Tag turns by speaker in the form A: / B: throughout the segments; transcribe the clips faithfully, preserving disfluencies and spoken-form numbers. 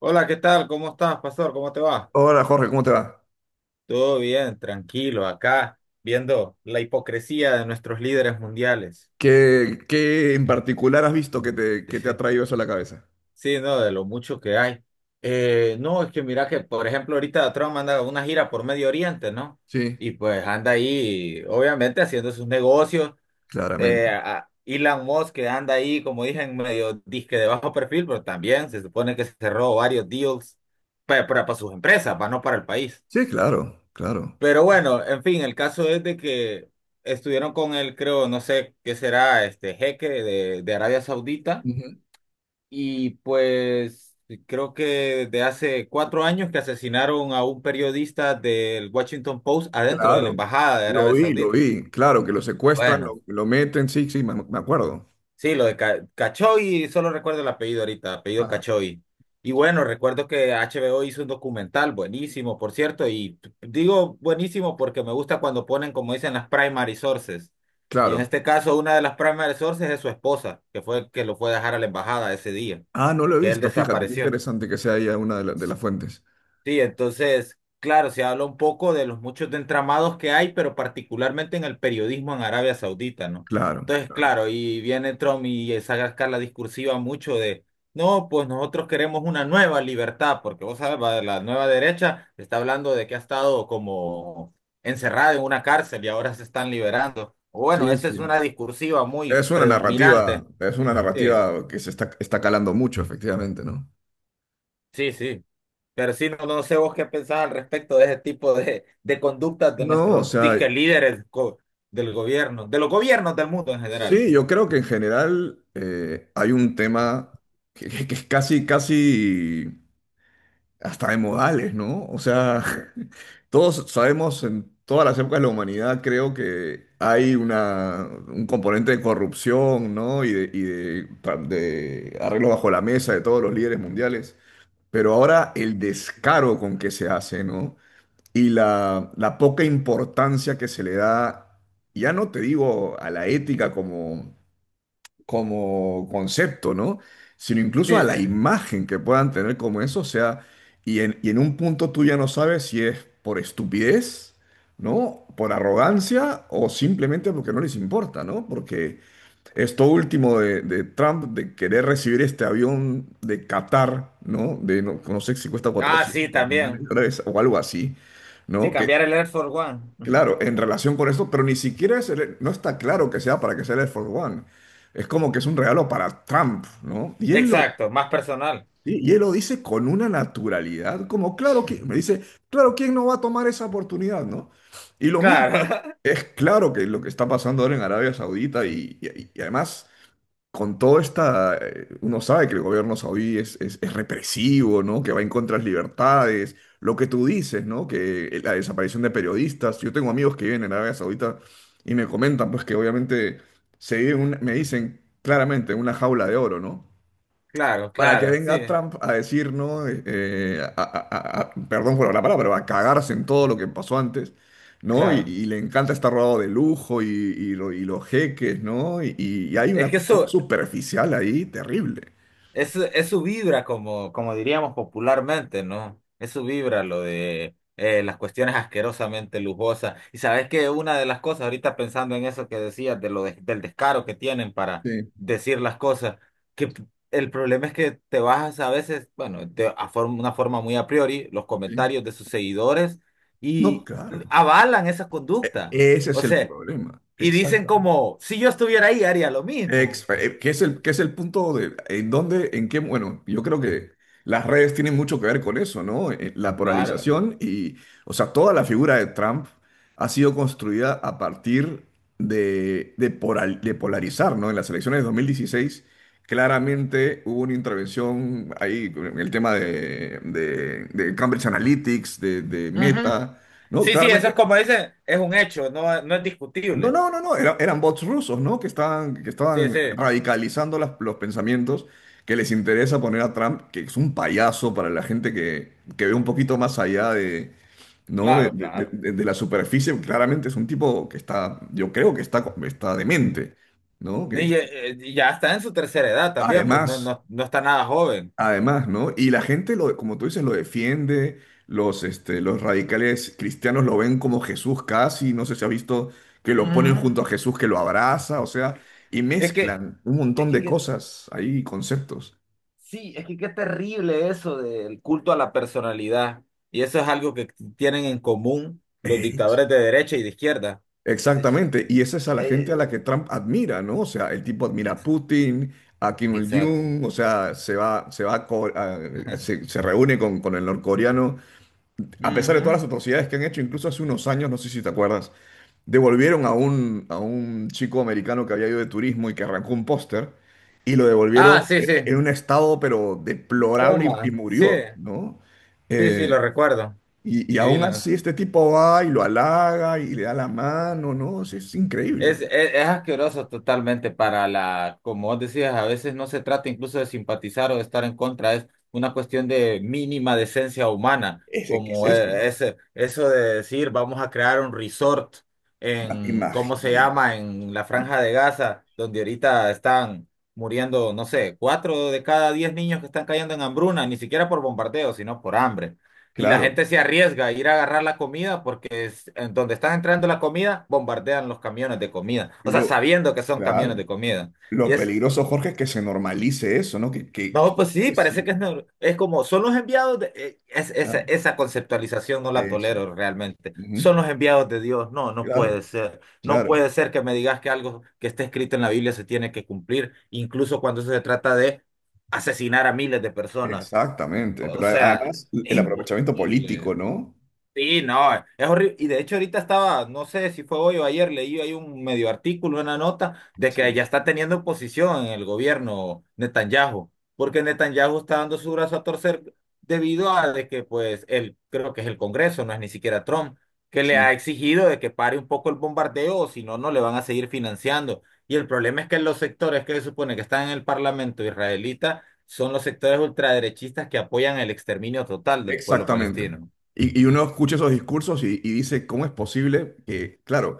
A: Hola, ¿qué tal? ¿Cómo estás, pastor? ¿Cómo te va?
B: Hola Jorge, ¿cómo te va?
A: Todo bien, tranquilo, acá viendo la hipocresía de nuestros líderes mundiales.
B: ¿Qué, qué en particular has visto que te, que te ha traído eso a la cabeza?
A: Sí, no, de lo mucho que hay. Eh, no, es que mira que, por ejemplo, ahorita Trump anda una gira por Medio Oriente, ¿no?
B: Sí,
A: Y pues anda ahí, obviamente, haciendo sus negocios.
B: claramente.
A: Eh, a- Elon Musk que anda ahí, como dije, en medio disque de bajo perfil, pero también se supone que cerró varios deals pa- para, para sus empresas, para no para el país.
B: Sí, claro, claro.
A: Pero bueno, en fin, el caso es de que estuvieron con él, creo, no sé qué será, este jeque de, de Arabia Saudita,
B: Ujú.
A: y pues creo que desde hace cuatro años que asesinaron a un periodista del Washington Post adentro de la
B: Claro,
A: embajada de
B: lo
A: Arabia
B: vi, lo
A: Saudita.
B: vi. Claro, que lo secuestran,
A: Bueno,
B: lo, lo meten, sí, sí, me, me acuerdo.
A: sí, lo de Ca- Cachoy, solo recuerdo el apellido ahorita, apellido
B: Ajá.
A: Cachoy. Y bueno, recuerdo que H B O hizo un documental buenísimo, por cierto, y t- digo buenísimo porque me gusta cuando ponen, como dicen, las primary sources. Y en
B: Claro.
A: este caso, una de las primary sources es su esposa, que fue el que lo fue a dejar a la embajada ese día,
B: Ah, no lo he
A: que él
B: visto, fíjate, qué
A: desapareció.
B: interesante que sea ya una de, la- de las fuentes.
A: Sí, entonces, claro, se habla un poco de los muchos de entramados que hay, pero particularmente en el periodismo en Arabia Saudita, ¿no?
B: Claro,
A: Entonces,
B: claro.
A: claro, y viene Trump y esa la discursiva mucho de, no, pues nosotros queremos una nueva libertad, porque vos sabes, va- la nueva derecha está hablando de que ha estado como encerrada en una cárcel y ahora se están liberando. Bueno,
B: Sí,
A: esa es
B: sí.
A: una discursiva muy
B: Es una narrativa,
A: predominante.
B: es una
A: Sí,
B: narrativa que se está, está calando mucho, efectivamente, ¿no?
A: sí, sí. Pero sí, no, no sé vos qué pensás al respecto de ese tipo de, de conductas de
B: No, o
A: nuestros disque
B: sea,
A: líderes co- del gobierno, de los gobiernos del mundo en general.
B: sí, yo creo que en general eh, hay un tema que, que- que es casi, casi hasta de modales, ¿no? O sea, todos sabemos en todas las épocas de la humanidad, creo que hay una, un componente de corrupción, ¿no? Y de, y de, pa- de arreglos bajo la mesa de todos los líderes mundiales. Pero ahora el descaro con que se hace, ¿no? Y la, la poca importancia que se le da, ya no te digo a la ética como como concepto, ¿no? Sino incluso a
A: Sí, sí.
B: la imagen que puedan tener como eso, o sea, y en, y en un punto tú ya no sabes si es por estupidez, ¿no? Por arrogancia o simplemente porque no les importa, ¿no? Porque esto último de, de Trump de querer recibir este avión de Qatar, ¿no? De no, no sé si cuesta
A: Ah, sí,
B: cuatrocientos millones de
A: también.
B: dólares o algo así,
A: Sí,
B: ¿no? Que
A: cambiar el Air Force One.
B: Claro, en relación con esto, pero ni siquiera es el- no está claro que sea para que sea el Air Force One. Es como que es un regalo para Trump, ¿no? Y él lo,
A: Exacto, más personal.
B: y y él lo dice con una naturalidad, como claro que, me dice, claro, ¿quién no va a tomar esa oportunidad, no? Y lo mismo,
A: Claro,
B: es claro que lo que está pasando ahora en Arabia Saudita y, y- y además con todo esta, eh, uno sabe que el gobierno saudí es, es, es represivo, ¿no? Que va en contra de las libertades, lo que tú dices, ¿no? Que eh, la desaparición de periodistas. Yo tengo amigos que viven en Arabia Saudita y me comentan, pues, que obviamente se vive en una- me dicen claramente, en una jaula de oro, ¿no?
A: claro,
B: Para que
A: claro,
B: venga
A: sí,
B: Trump a decir, ¿no?, Eh, eh, a- a- a- a- perdón por la palabra, pero a cagarse en todo lo que pasó antes, ¿no? Y,
A: claro.
B: y le encanta estar rodeado de lujo y, y lo- y los jeques, ¿no? Y, y hay
A: Es
B: una
A: que
B: cuestión
A: eso,
B: superficial ahí terrible.
A: es, su- es su vibra, como, como diríamos popularmente, ¿no? Es su vibra lo de eh, las cuestiones asquerosamente lujosas. Y sabes que una de las cosas, ahorita pensando en eso que decías, de lo de- del descaro que tienen para
B: Sí,
A: decir las cosas, que p- el problema es que te bajas a veces, bueno, de a forma- una forma muy a priori, los
B: sí.
A: comentarios de sus seguidores
B: No,
A: y
B: claro.
A: avalan esa conducta.
B: Ese
A: O
B: es el
A: sea,
B: problema.
A: y dicen
B: Exacto.
A: como, si yo estuviera ahí, haría lo
B: Ex-
A: mismo.
B: eh, ¿Qué es el, qué es el punto de en dónde, en qué? Bueno, yo creo que las redes tienen mucho que ver con eso, ¿no? Eh, La
A: Claro.
B: polarización y, o sea, toda la figura de Trump ha sido construida a partir de, de, poral- de polarizar, ¿no? En las elecciones de dos mil dieciséis claramente hubo una intervención ahí en el tema de, de- de Cambridge Analytics, de, de Meta, ¿no?
A: Sí, sí, eso es
B: Claramente
A: como dicen, es un hecho, no, no es
B: no,
A: discutible.
B: no, no, no, era- eran bots rusos, ¿no? Que estaban, que
A: Sí,
B: estaban
A: sí,
B: radicalizando las- los pensamientos que les interesa poner a Trump, que es un payaso para la gente que, que ve un poquito más allá de, ¿no?, de,
A: claro,
B: de- de-
A: claro.
B: de- de la superficie. Claramente es un tipo que está, yo creo que está, está demente, ¿no?
A: Ni-
B: Que
A: eh, eh, ya está en su tercera edad también, pues no,
B: además
A: no, no está nada joven.
B: Además, ¿no? Y la gente, lo, como tú dices, lo defiende, los, este, los radicales cristianos lo ven como Jesús casi, no sé si has visto que lo ponen
A: Ujú.
B: junto a Jesús que lo abraza, o sea, y
A: Es que,
B: mezclan un
A: es
B: montón
A: que,
B: de
A: que-
B: cosas ahí, conceptos.
A: sí, es que qué terrible eso del culto a la personalidad. Y eso es algo que tienen en común los
B: Ex-
A: dictadores de derecha y de izquierda. Es-
B: Exactamente, y esa es a la gente a la
A: eh,
B: que Trump admira, ¿no? O sea, el tipo admira a
A: es-
B: Putin, a Kim
A: exacto.
B: Il-jung, o sea, se va, se va a co- a- se, se reúne con, con el norcoreano, a pesar de todas
A: Ujú.
B: las atrocidades que han hecho, incluso hace unos años, no sé si te acuerdas. Devolvieron a un, a un chico americano que había ido de turismo y que arrancó un póster y lo devolvieron
A: Ah, sí,
B: e-
A: sí.
B: en un estado pero deplorable y,
A: Puma.
B: y
A: Sí,
B: murió, ¿no?
A: sí, sí,
B: Eh,
A: lo recuerdo.
B: y, y
A: Sí,
B: aún así este tipo va y lo halaga y le da la mano, ¿no? Es, es increíble.
A: es, es, es asqueroso totalmente para la, como vos decías, a veces no se trata incluso de simpatizar o de estar en contra, es una cuestión de mínima decencia humana,
B: Es, es que es
A: como
B: eso.
A: eh, ese, eso de decir vamos a crear un resort
B: Ima-
A: en, ¿cómo se
B: Imagínate.
A: llama?, en la Franja de Gaza, donde ahorita están muriendo, no sé, cuatro de cada diez niños que están cayendo en hambruna, ni siquiera por bombardeo, sino por hambre. Y la
B: Claro,
A: gente se arriesga a ir a agarrar la comida porque es, en donde están entrando la comida, bombardean los camiones de comida. O sea,
B: lo,
A: sabiendo que son camiones
B: claro.
A: de comida. Y
B: Lo
A: es,
B: peligroso, Jorge, es que se normalice eso, ¿no? Que, que,
A: no, pues sí,
B: que-
A: parece que
B: sí,
A: es, nor- es como, son los enviados de eh, es- esa,
B: claro,
A: esa conceptualización no la
B: eso.
A: tolero realmente.
B: Ujú.
A: Son los enviados de Dios. No, no
B: Claro,
A: puede ser. No
B: claro.
A: puede ser que me digas que algo que está escrito en la Biblia se tiene que cumplir, incluso cuando se trata de asesinar a miles de personas.
B: Exactamente,
A: O
B: pero a-
A: sea,
B: además el
A: es
B: aprovechamiento político,
A: imposible.
B: ¿no?
A: Sí, no, es horrible. Y de hecho ahorita estaba, no sé si fue hoy o ayer, leí ahí un medio artículo, una nota, de que
B: Sí,
A: ya está teniendo oposición en el gobierno Netanyahu, porque Netanyahu está dando su brazo a torcer debido a de que pues él, creo que es el Congreso, no es ni siquiera Trump, que
B: sí.
A: le ha exigido de que pare un poco el bombardeo, o si no, no le van a seguir financiando. Y el problema es que los sectores que se supone que están en el Parlamento israelita son los sectores ultraderechistas que apoyan el exterminio total del pueblo
B: Exactamente.
A: palestino.
B: Y, y uno escucha esos discursos y, y dice, ¿cómo es posible que, claro,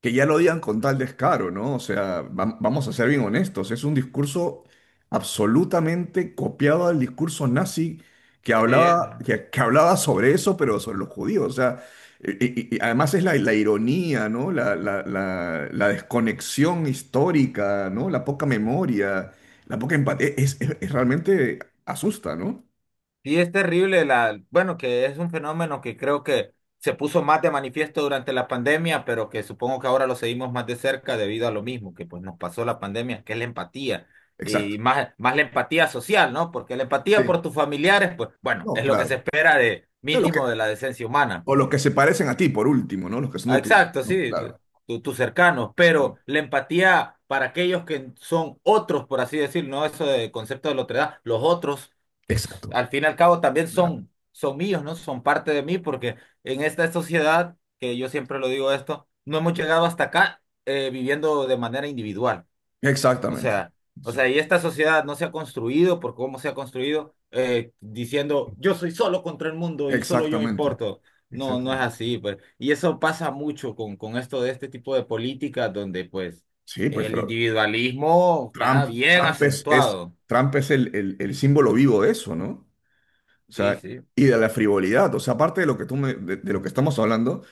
B: que ya lo digan con tal descaro, no? O sea, vam- vamos a ser bien honestos, es un discurso absolutamente copiado del discurso nazi que
A: Sí,
B: hablaba, que, que hablaba sobre eso, pero sobre los judíos. O sea, y, y- y además es la, la ironía, ¿no? La, la, la, la desconexión histórica, ¿no? La poca memoria, la poca empatía, es, es es realmente asusta, ¿no?
A: sí, es terrible la, bueno, que es un fenómeno que creo que se puso más de manifiesto durante la pandemia, pero que supongo que ahora lo seguimos más de cerca debido a lo mismo que pues nos pasó la pandemia, que es la empatía y
B: Exacto.
A: más más la empatía social, ¿no? Porque la empatía por tus familiares, pues bueno,
B: No,
A: es lo que se
B: claro.
A: espera de
B: De los que,
A: mínimo de la decencia humana.
B: o los que se parecen a ti, por último, ¿no? Los que son de
A: Ah,
B: tu.
A: exacto,
B: ¿No?
A: sí, tu-
B: Claro.
A: tu- tus cercanos, pero
B: Sí.
A: la empatía para aquellos que son otros, por así decirlo, no eso de concepto de la otredad, los otros, que s-
B: Exacto.
A: al fin y al cabo también
B: ¿Verdad?
A: son, son míos, ¿no? Son parte de mí, porque en esta sociedad, que yo siempre lo digo esto, no hemos llegado hasta acá eh, viviendo de manera individual. O
B: Exactamente.
A: sea, o
B: Exact-
A: sea, y esta sociedad no se ha construido por cómo se ha construido eh, diciendo yo soy solo contra el mundo y solo yo
B: Exactamente.
A: importo. No, no es
B: Exactamente.
A: así, pues. Y eso pasa mucho con, con esto de este tipo de políticas donde pues
B: Sí, pues,
A: el
B: pero
A: individualismo está
B: Trump,
A: bien
B: Trump es, es-
A: acentuado.
B: Trump es el, el- el símbolo vivo de eso, ¿no? O
A: Sí,
B: sea,
A: sí.
B: y de la frivolidad. O sea, aparte de lo que tú me- de, de lo que estamos hablando,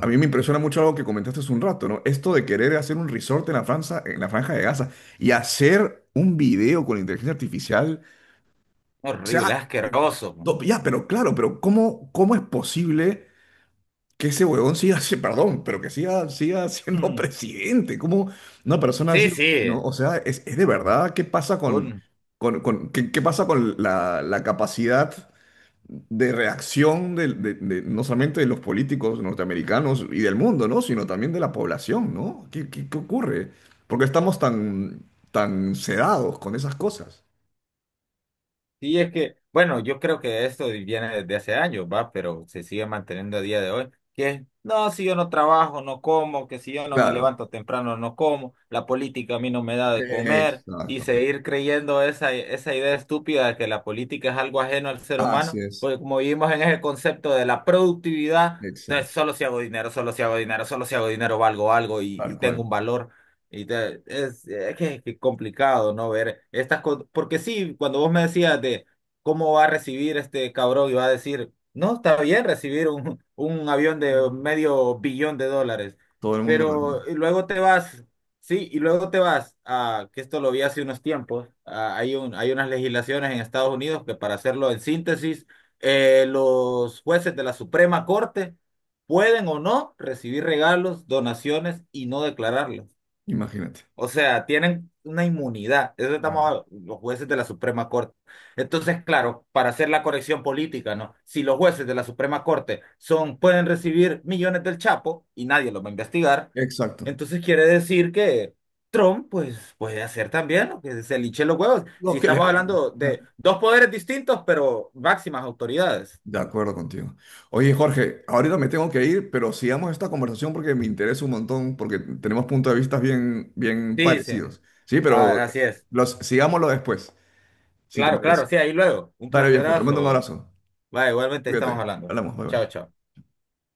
B: a mí me impresiona mucho algo que comentaste hace un rato, ¿no? Esto de querer hacer un resort en la Franza, en la Franja de Gaza y hacer un video con inteligencia artificial. O
A: Horrible,
B: sea,
A: asqueroso.
B: no, ya, pero claro, pero ¿cómo, cómo es posible que ese huevón siga, si- perdón, pero que siga, siga siendo presidente? ¿Cómo una persona
A: Sí,
B: así,
A: sí.
B: no? O sea, es, es de verdad, ¿qué pasa con,
A: Un,
B: con, con- qué, qué pasa con la, la capacidad de reacción de, de- de- no solamente de los políticos norteamericanos y del mundo, ¿no? Sino también de la población, ¿no? ¿Qué, qué, qué ocurre? Porque estamos tan, tan sedados con esas cosas.
A: sí, es que, bueno, yo creo que esto viene desde hace años, va, pero se sigue manteniendo a día de hoy, que es, no, si yo no trabajo, no como, que si yo no me
B: Claro.
A: levanto temprano, no como, la política a mí no me da de comer, y
B: Exactamente.
A: seguir creyendo esa, esa idea estúpida de que la política es algo ajeno al ser
B: Así
A: humano,
B: es.
A: porque como vivimos en ese concepto de la productividad,
B: Exacto.
A: entonces solo si hago dinero, solo si hago dinero, solo si hago dinero valgo algo y, y
B: Tal cual.
A: tengo un valor. Y te- es, es que es que complicado, ¿no? Ver estas cosas. Porque sí, cuando vos me decías de cómo va a recibir este cabrón y va a decir, no, está bien recibir un, un avión de
B: Sí.
A: medio billón de dólares.
B: Todo el mundo lo tiene.
A: Pero y luego te vas, sí, y luego te vas a, que esto lo vi hace unos tiempos, a- hay un, hay unas legislaciones en Estados Unidos que para hacerlo en síntesis, eh, los jueces de la Suprema Corte pueden o no recibir regalos, donaciones y no declararlos.
B: Imagínate.
A: O sea, tienen una inmunidad. Eso
B: Claro.
A: estamos a- los jueces de la Suprema Corte. Entonces, claro, para hacer la corrección política, ¿no? Si los jueces de la Suprema Corte son, pueden recibir millones del Chapo y nadie los va a investigar,
B: Exacto.
A: entonces quiere decir que Trump, pues, puede hacer también lo que se liche los huevos. Si
B: Lo que le
A: estamos
B: hagan.
A: hablando de dos poderes distintos, pero máximas autoridades.
B: De acuerdo contigo. Oye, Jorge, ahorita me tengo que ir, pero sigamos esta conversación porque me interesa un montón, porque tenemos puntos de vista bien, bien
A: Sí, sí.
B: parecidos. Sí, pero
A: Ah, así es.
B: los, sigámoslo después, si te
A: Claro, claro,
B: parece.
A: sí, ahí luego. Un
B: Dale, viejo, te mando un
A: placerazo.
B: abrazo.
A: Va, igualmente
B: Cuídate.
A: estamos hablando.
B: Hablamos, bye
A: Chao,
B: bye.
A: chao.